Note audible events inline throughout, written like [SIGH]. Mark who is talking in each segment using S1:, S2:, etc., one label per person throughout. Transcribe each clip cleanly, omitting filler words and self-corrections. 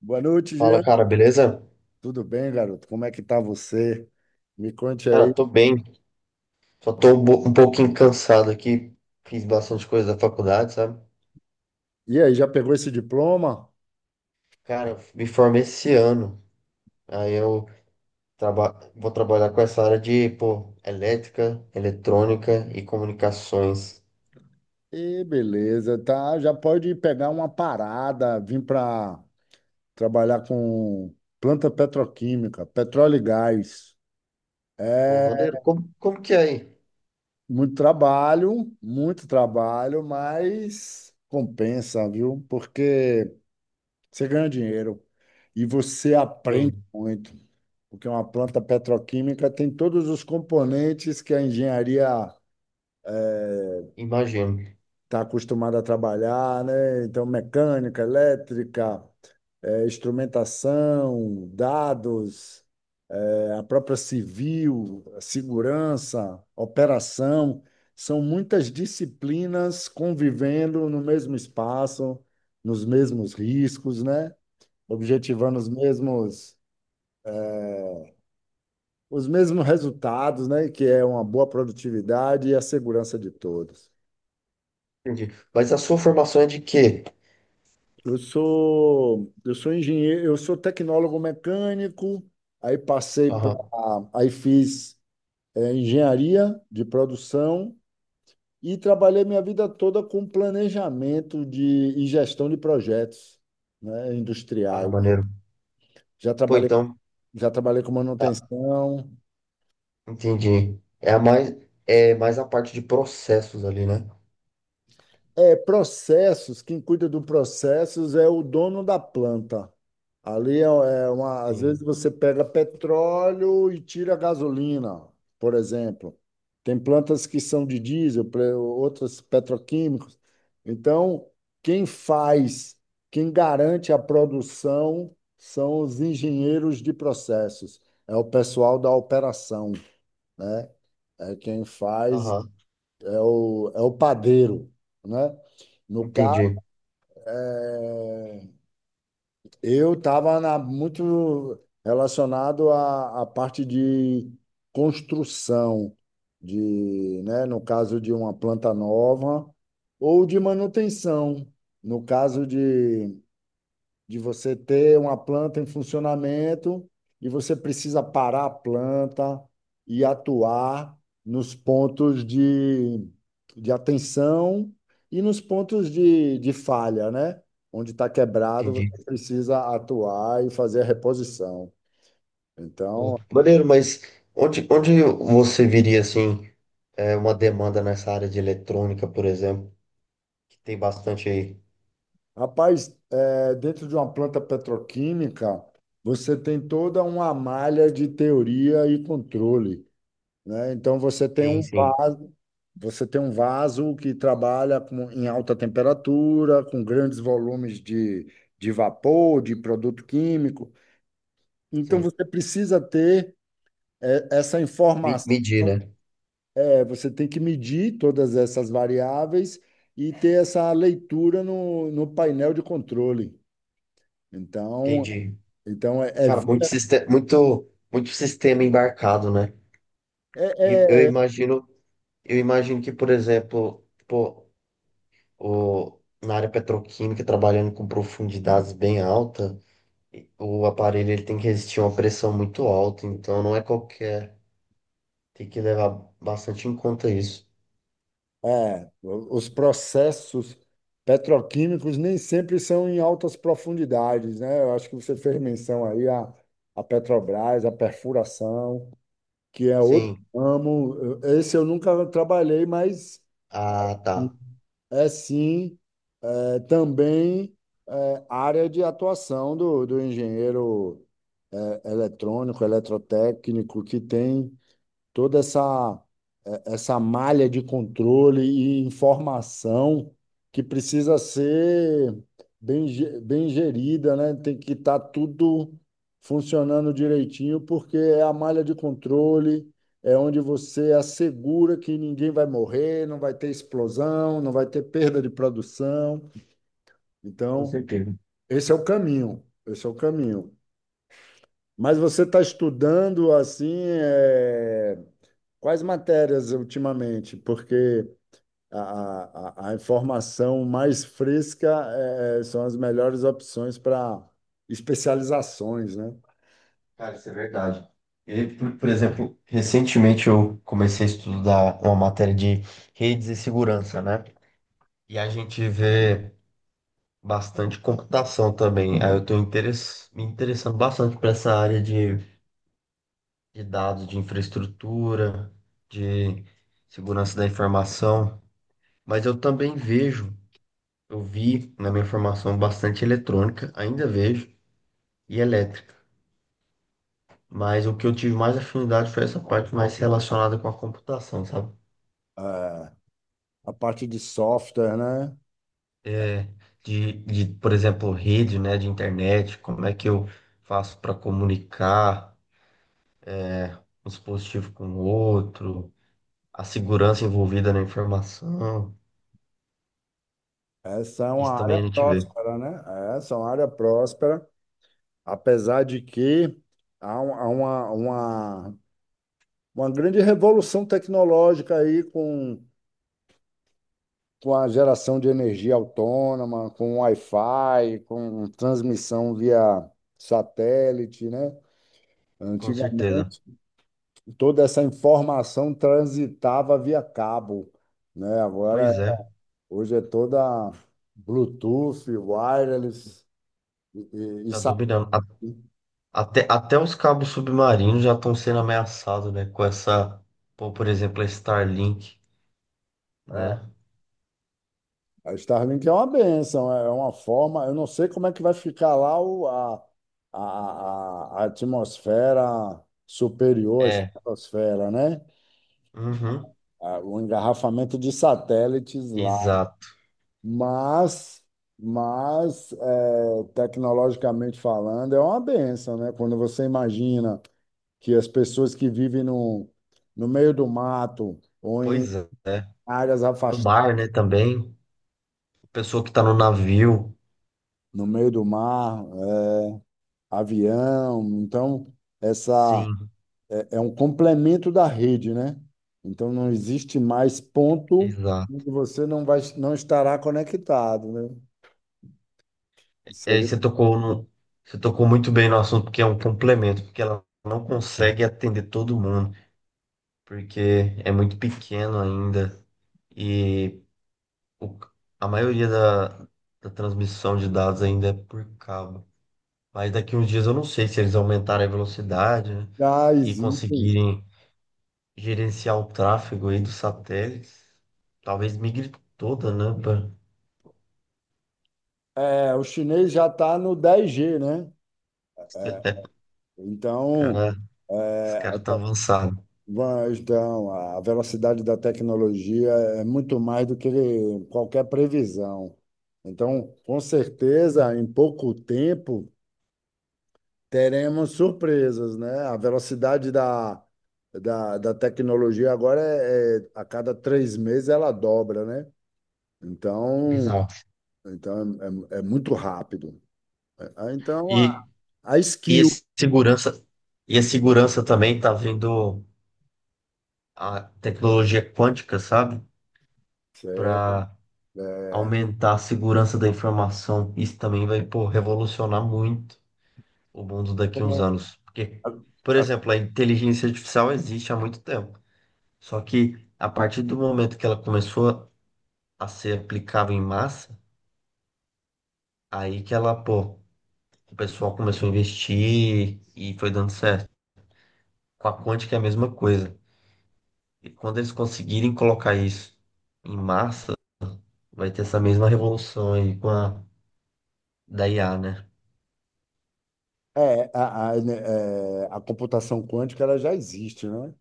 S1: Boa noite,
S2: Fala,
S1: Jean.
S2: cara, beleza?
S1: Tudo bem, garoto? Como é que tá você? Me conte
S2: Cara,
S1: aí.
S2: tô bem. Só tô um pouquinho cansado aqui. Fiz bastante coisa da faculdade, sabe?
S1: E aí, já pegou esse diploma?
S2: Cara, eu me formei esse ano. Aí eu traba vou trabalhar com essa área de, pô, elétrica, eletrônica e comunicações.
S1: E beleza, tá? Já pode pegar uma parada, vir para trabalhar com planta petroquímica, petróleo e gás.
S2: Pô,
S1: É
S2: maneiro, como que é aí?
S1: muito trabalho, mas compensa, viu? Porque você ganha dinheiro e você
S2: Sim,
S1: aprende muito. Porque uma planta petroquímica tem todos os componentes que a engenharia
S2: imagino.
S1: está acostumada a trabalhar, né? Então, mecânica, elétrica, instrumentação, dados, a própria civil, a segurança, operação. São muitas disciplinas convivendo no mesmo espaço, nos mesmos riscos, né? Objetivando os mesmos resultados, né? Que é uma boa produtividade e a segurança de todos.
S2: Entendi. Mas a sua formação é de quê?
S1: Eu sou engenheiro, eu sou tecnólogo mecânico, aí passei para,
S2: Aham.
S1: aí fiz engenharia de produção e trabalhei minha vida toda com e gestão de projetos, né,
S2: Ah,
S1: industriais.
S2: maneiro.
S1: Já
S2: Pô,
S1: trabalhei,
S2: então,
S1: já trabalhei com
S2: tá,
S1: manutenção.
S2: entendi. É mais a parte de processos ali, né?
S1: É, processos, quem cuida do processos é o dono da planta. Ali é é uma, Às vezes
S2: Sim.
S1: você pega petróleo e tira gasolina, por exemplo. Tem plantas que são de diesel, outras petroquímicos. Então, quem faz, quem garante a produção são os engenheiros de processos. É o pessoal da operação, né? É quem faz,
S2: Aham.
S1: é o padeiro, né? No caso
S2: Entendi,
S1: é, eu estava muito relacionado à parte de construção, de, né, no caso de uma planta nova, ou de manutenção, no caso de você ter uma planta em funcionamento e você precisa parar a planta e atuar nos pontos de atenção e nos pontos de falha, né? Onde está quebrado,
S2: entendi.
S1: você precisa atuar e fazer a reposição.
S2: Pô,
S1: Então,
S2: maneiro, mas onde você viria, assim, uma demanda nessa área de eletrônica, por exemplo, que tem bastante aí?
S1: rapaz, é, dentro de uma planta petroquímica, você tem toda uma malha de teoria e controle, né? Então, você tem um
S2: Sim, sim,
S1: básico. Você tem um vaso que trabalha em alta temperatura, com grandes volumes de vapor, de produto químico. Então,
S2: sim.
S1: você precisa ter essa informação.
S2: Medir, né?
S1: Você tem que medir todas essas variáveis e ter essa leitura no painel de controle. Então,
S2: Entendi.
S1: então é,
S2: Cara, muito sistema, muito sistema embarcado, né? E
S1: é,
S2: eu imagino que, por exemplo, pô, na área petroquímica, trabalhando com profundidades bem altas, o aparelho ele tem que resistir a uma pressão muito alta, então não é qualquer. Tem que levar bastante em conta isso.
S1: O- os processos petroquímicos nem sempre são em altas profundidades, né? Eu acho que você fez menção aí à Petrobras, à perfuração, que é outro
S2: Sim.
S1: ramo. Esse eu nunca trabalhei, mas
S2: Ah, tá.
S1: é sim, é, também é, área de atuação do engenheiro eletrônico, eletrotécnico, que tem toda essa essa malha de controle e informação que precisa ser bem gerida, né? Tem que estar tudo funcionando direitinho, porque é a malha de controle, é onde você assegura que ninguém vai morrer, não vai ter explosão, não vai ter perda de produção.
S2: Com
S1: Então,
S2: certeza.
S1: esse é o caminho, esse é o caminho. Mas você está estudando assim, é, quais matérias ultimamente? Porque a informação mais fresca são as melhores opções para especializações, né?
S2: Cara, isso é verdade. Eu, por exemplo, recentemente eu comecei a estudar uma matéria de redes e segurança, né? E a gente vê bastante computação também. Aí eu estou me interessando bastante para essa área de dados, de infraestrutura, de segurança da informação. Mas eu também vejo, eu vi na minha formação bastante eletrônica, ainda vejo e elétrica. Mas o que eu tive mais afinidade foi essa parte mais relacionada com a computação, sabe?
S1: Eh, a parte de software, né?
S2: É, de, por exemplo, rede, né, de internet, como é que eu faço para comunicar um dispositivo com o outro, a segurança envolvida na informação.
S1: Essa é uma
S2: Isso também
S1: área
S2: a gente vê,
S1: próspera, né? Essa é uma área próspera, apesar de que há, um- há uma grande revolução tecnológica aí com a geração de energia autônoma, com Wi-Fi, com transmissão via satélite, né?
S2: com certeza.
S1: Antigamente, toda essa informação transitava via cabo, né? Agora,
S2: Pois é,
S1: hoje é toda Bluetooth, wireless e, e
S2: tá
S1: sa-
S2: dominando. Até, os cabos submarinos já estão sendo ameaçados, né, com essa, pô, por exemplo, a Starlink,
S1: é,
S2: né?
S1: a Starlink é uma benção, é uma forma. Eu não sei como é que vai ficar lá o, a atmosfera superior à
S2: É.
S1: estratosfera, né?
S2: Uhum.
S1: Ah, o engarrafamento de satélites lá.
S2: Exato.
S1: Mas, mas é, tecnologicamente falando, é uma benção, né? Quando você imagina que as pessoas que vivem no meio do mato ou em
S2: Pois é.
S1: áreas
S2: No
S1: afastadas,
S2: bar, né, também. Pessoa que tá no navio.
S1: no meio do mar, é, avião, então essa
S2: Sim,
S1: é, é um complemento da rede, né? Então não existe mais ponto em
S2: exato.
S1: que você não vai, não estará conectado, né?
S2: E
S1: Isso
S2: aí
S1: aí
S2: você tocou no, você tocou muito bem no assunto, porque é um complemento, porque ela não consegue atender todo mundo, porque é muito pequeno ainda. E o- a maioria da transmissão de dados ainda é por cabo. Mas daqui uns dias eu não sei se eles aumentarem a velocidade, né,
S1: já
S2: e
S1: existe.
S2: conseguirem gerenciar o tráfego aí dos satélites. Talvez migre toda, né? Pra...
S1: É, o chinês já está no 10G, né? É, então,
S2: Cara, esse
S1: é, a-
S2: cara tá
S1: te-
S2: avançado.
S1: então, a velocidade da tecnologia é muito mais do que qualquer previsão. Então, com certeza, em pouco tempo, teremos surpresas, né? A velocidade da tecnologia agora a cada três meses ela dobra, né? Então,
S2: Bizarro.
S1: então é é muito rápido. É, então,
S2: E,
S1: a
S2: e a
S1: skill.
S2: segurança, e a segurança também tá vindo a tecnologia quântica, sabe? Para aumentar a segurança da informação. Isso também vai, pô, revolucionar muito o mundo daqui a uns anos. Porque,
S1: A,
S2: por
S1: a-
S2: exemplo, a inteligência artificial existe há muito tempo. Só que a partir do momento que ela começou a ser aplicável em massa, aí que ela, pô, o pessoal começou a investir e foi dando certo. Com a Quantic é a mesma coisa. E quando eles conseguirem colocar isso em massa, vai ter essa mesma revolução aí com a da IA, né?
S1: é, a, a, né, a computação quântica ela já existe, né?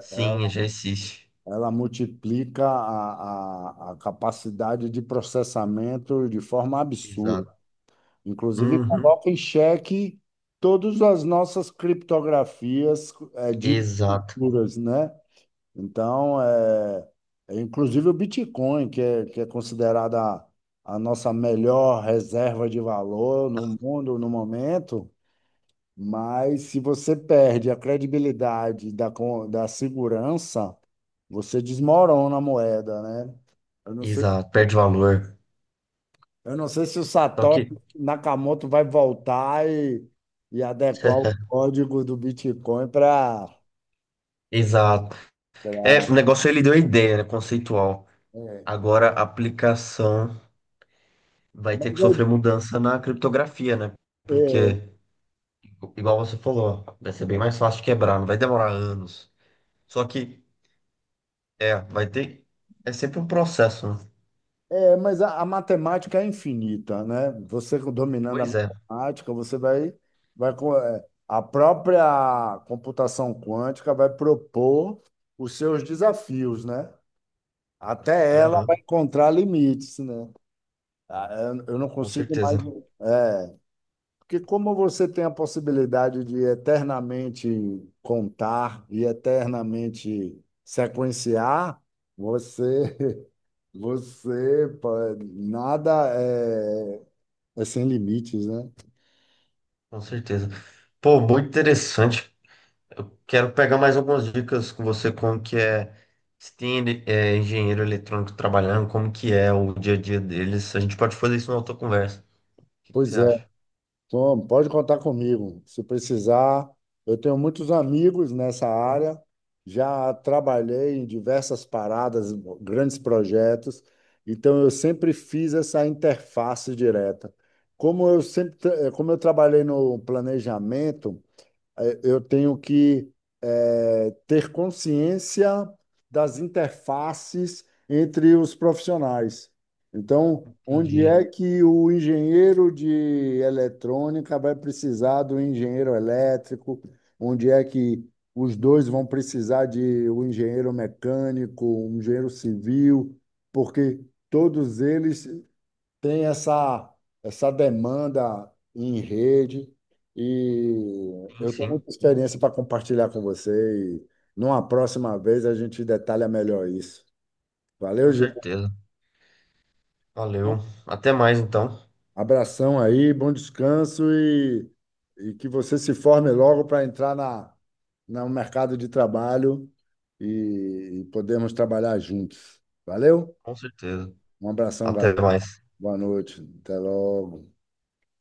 S2: Sim, já existe.
S1: Ela multiplica a capacidade de processamento de forma absurda.
S2: Exato.
S1: Inclusive,
S2: Uhum.
S1: coloca em xeque todas as nossas criptografias, é, de
S2: Exato.
S1: seguras, né? Então, é, é, inclusive o Bitcoin, que é considerada a nossa melhor reserva de valor no mundo no momento. Mas se você perde a credibilidade da segurança, você desmorona a moeda, né? Eu não sei,
S2: Exato. Perde valor.
S1: eu não sei se o
S2: Só que.
S1: Satoshi Nakamoto vai voltar e adequar o
S2: [LAUGHS]
S1: código do Bitcoin para.
S2: Exato.
S1: Mas,
S2: É, o negócio ele deu a ideia, né? Conceitual.
S1: é,
S2: Agora a aplicação vai ter que sofrer mudança na criptografia, né?
S1: é,
S2: Porque igual você falou, vai ser bem mais fácil de quebrar, não vai demorar anos. Só que, é, vai ter. É sempre um processo, né?
S1: é, mas a matemática é infinita, né? Você dominando a
S2: Pois é.
S1: matemática, vai é, a própria computação quântica vai propor os seus desafios, né? Até ela
S2: Aham,
S1: vai encontrar limites, né? Ah, eu não
S2: com
S1: consigo mais.
S2: certeza,
S1: É, porque como você tem a possibilidade de eternamente contar e eternamente sequenciar, você, você, pô, nada é. É sem limites, né?
S2: com certeza. Pô, muito interessante. Eu quero pegar mais algumas dicas com você, como que é, se tem é, engenheiro eletrônico trabalhando, como que é o dia a dia deles. A gente pode fazer isso na outra conversa. O que que você
S1: Pois é.
S2: acha?
S1: Tom, pode contar comigo. Se precisar, eu tenho muitos amigos nessa área. Já trabalhei em diversas paradas, grandes projetos. Então, eu sempre fiz essa interface direta. Como eu como eu trabalhei no planejamento, eu tenho que ter consciência das interfaces entre os profissionais. Então, onde é
S2: Entendi.
S1: que o engenheiro de eletrônica vai precisar do engenheiro elétrico? Onde é que os dois vão precisar de um engenheiro mecânico, um engenheiro civil? Porque todos eles tem essa demanda em rede e
S2: Sim,
S1: eu tenho
S2: sim,
S1: muita experiência para compartilhar com você e numa próxima vez a gente detalha melhor isso. Valeu,
S2: com
S1: Jean.
S2: certeza. Valeu. Até mais, então.
S1: Abração aí, bom descanso e que você se forme logo para entrar no mercado de trabalho e podemos trabalhar juntos. Valeu?
S2: Com certeza.
S1: Um abração,
S2: Até
S1: garoto.
S2: mais.
S1: Boa noite. Até logo.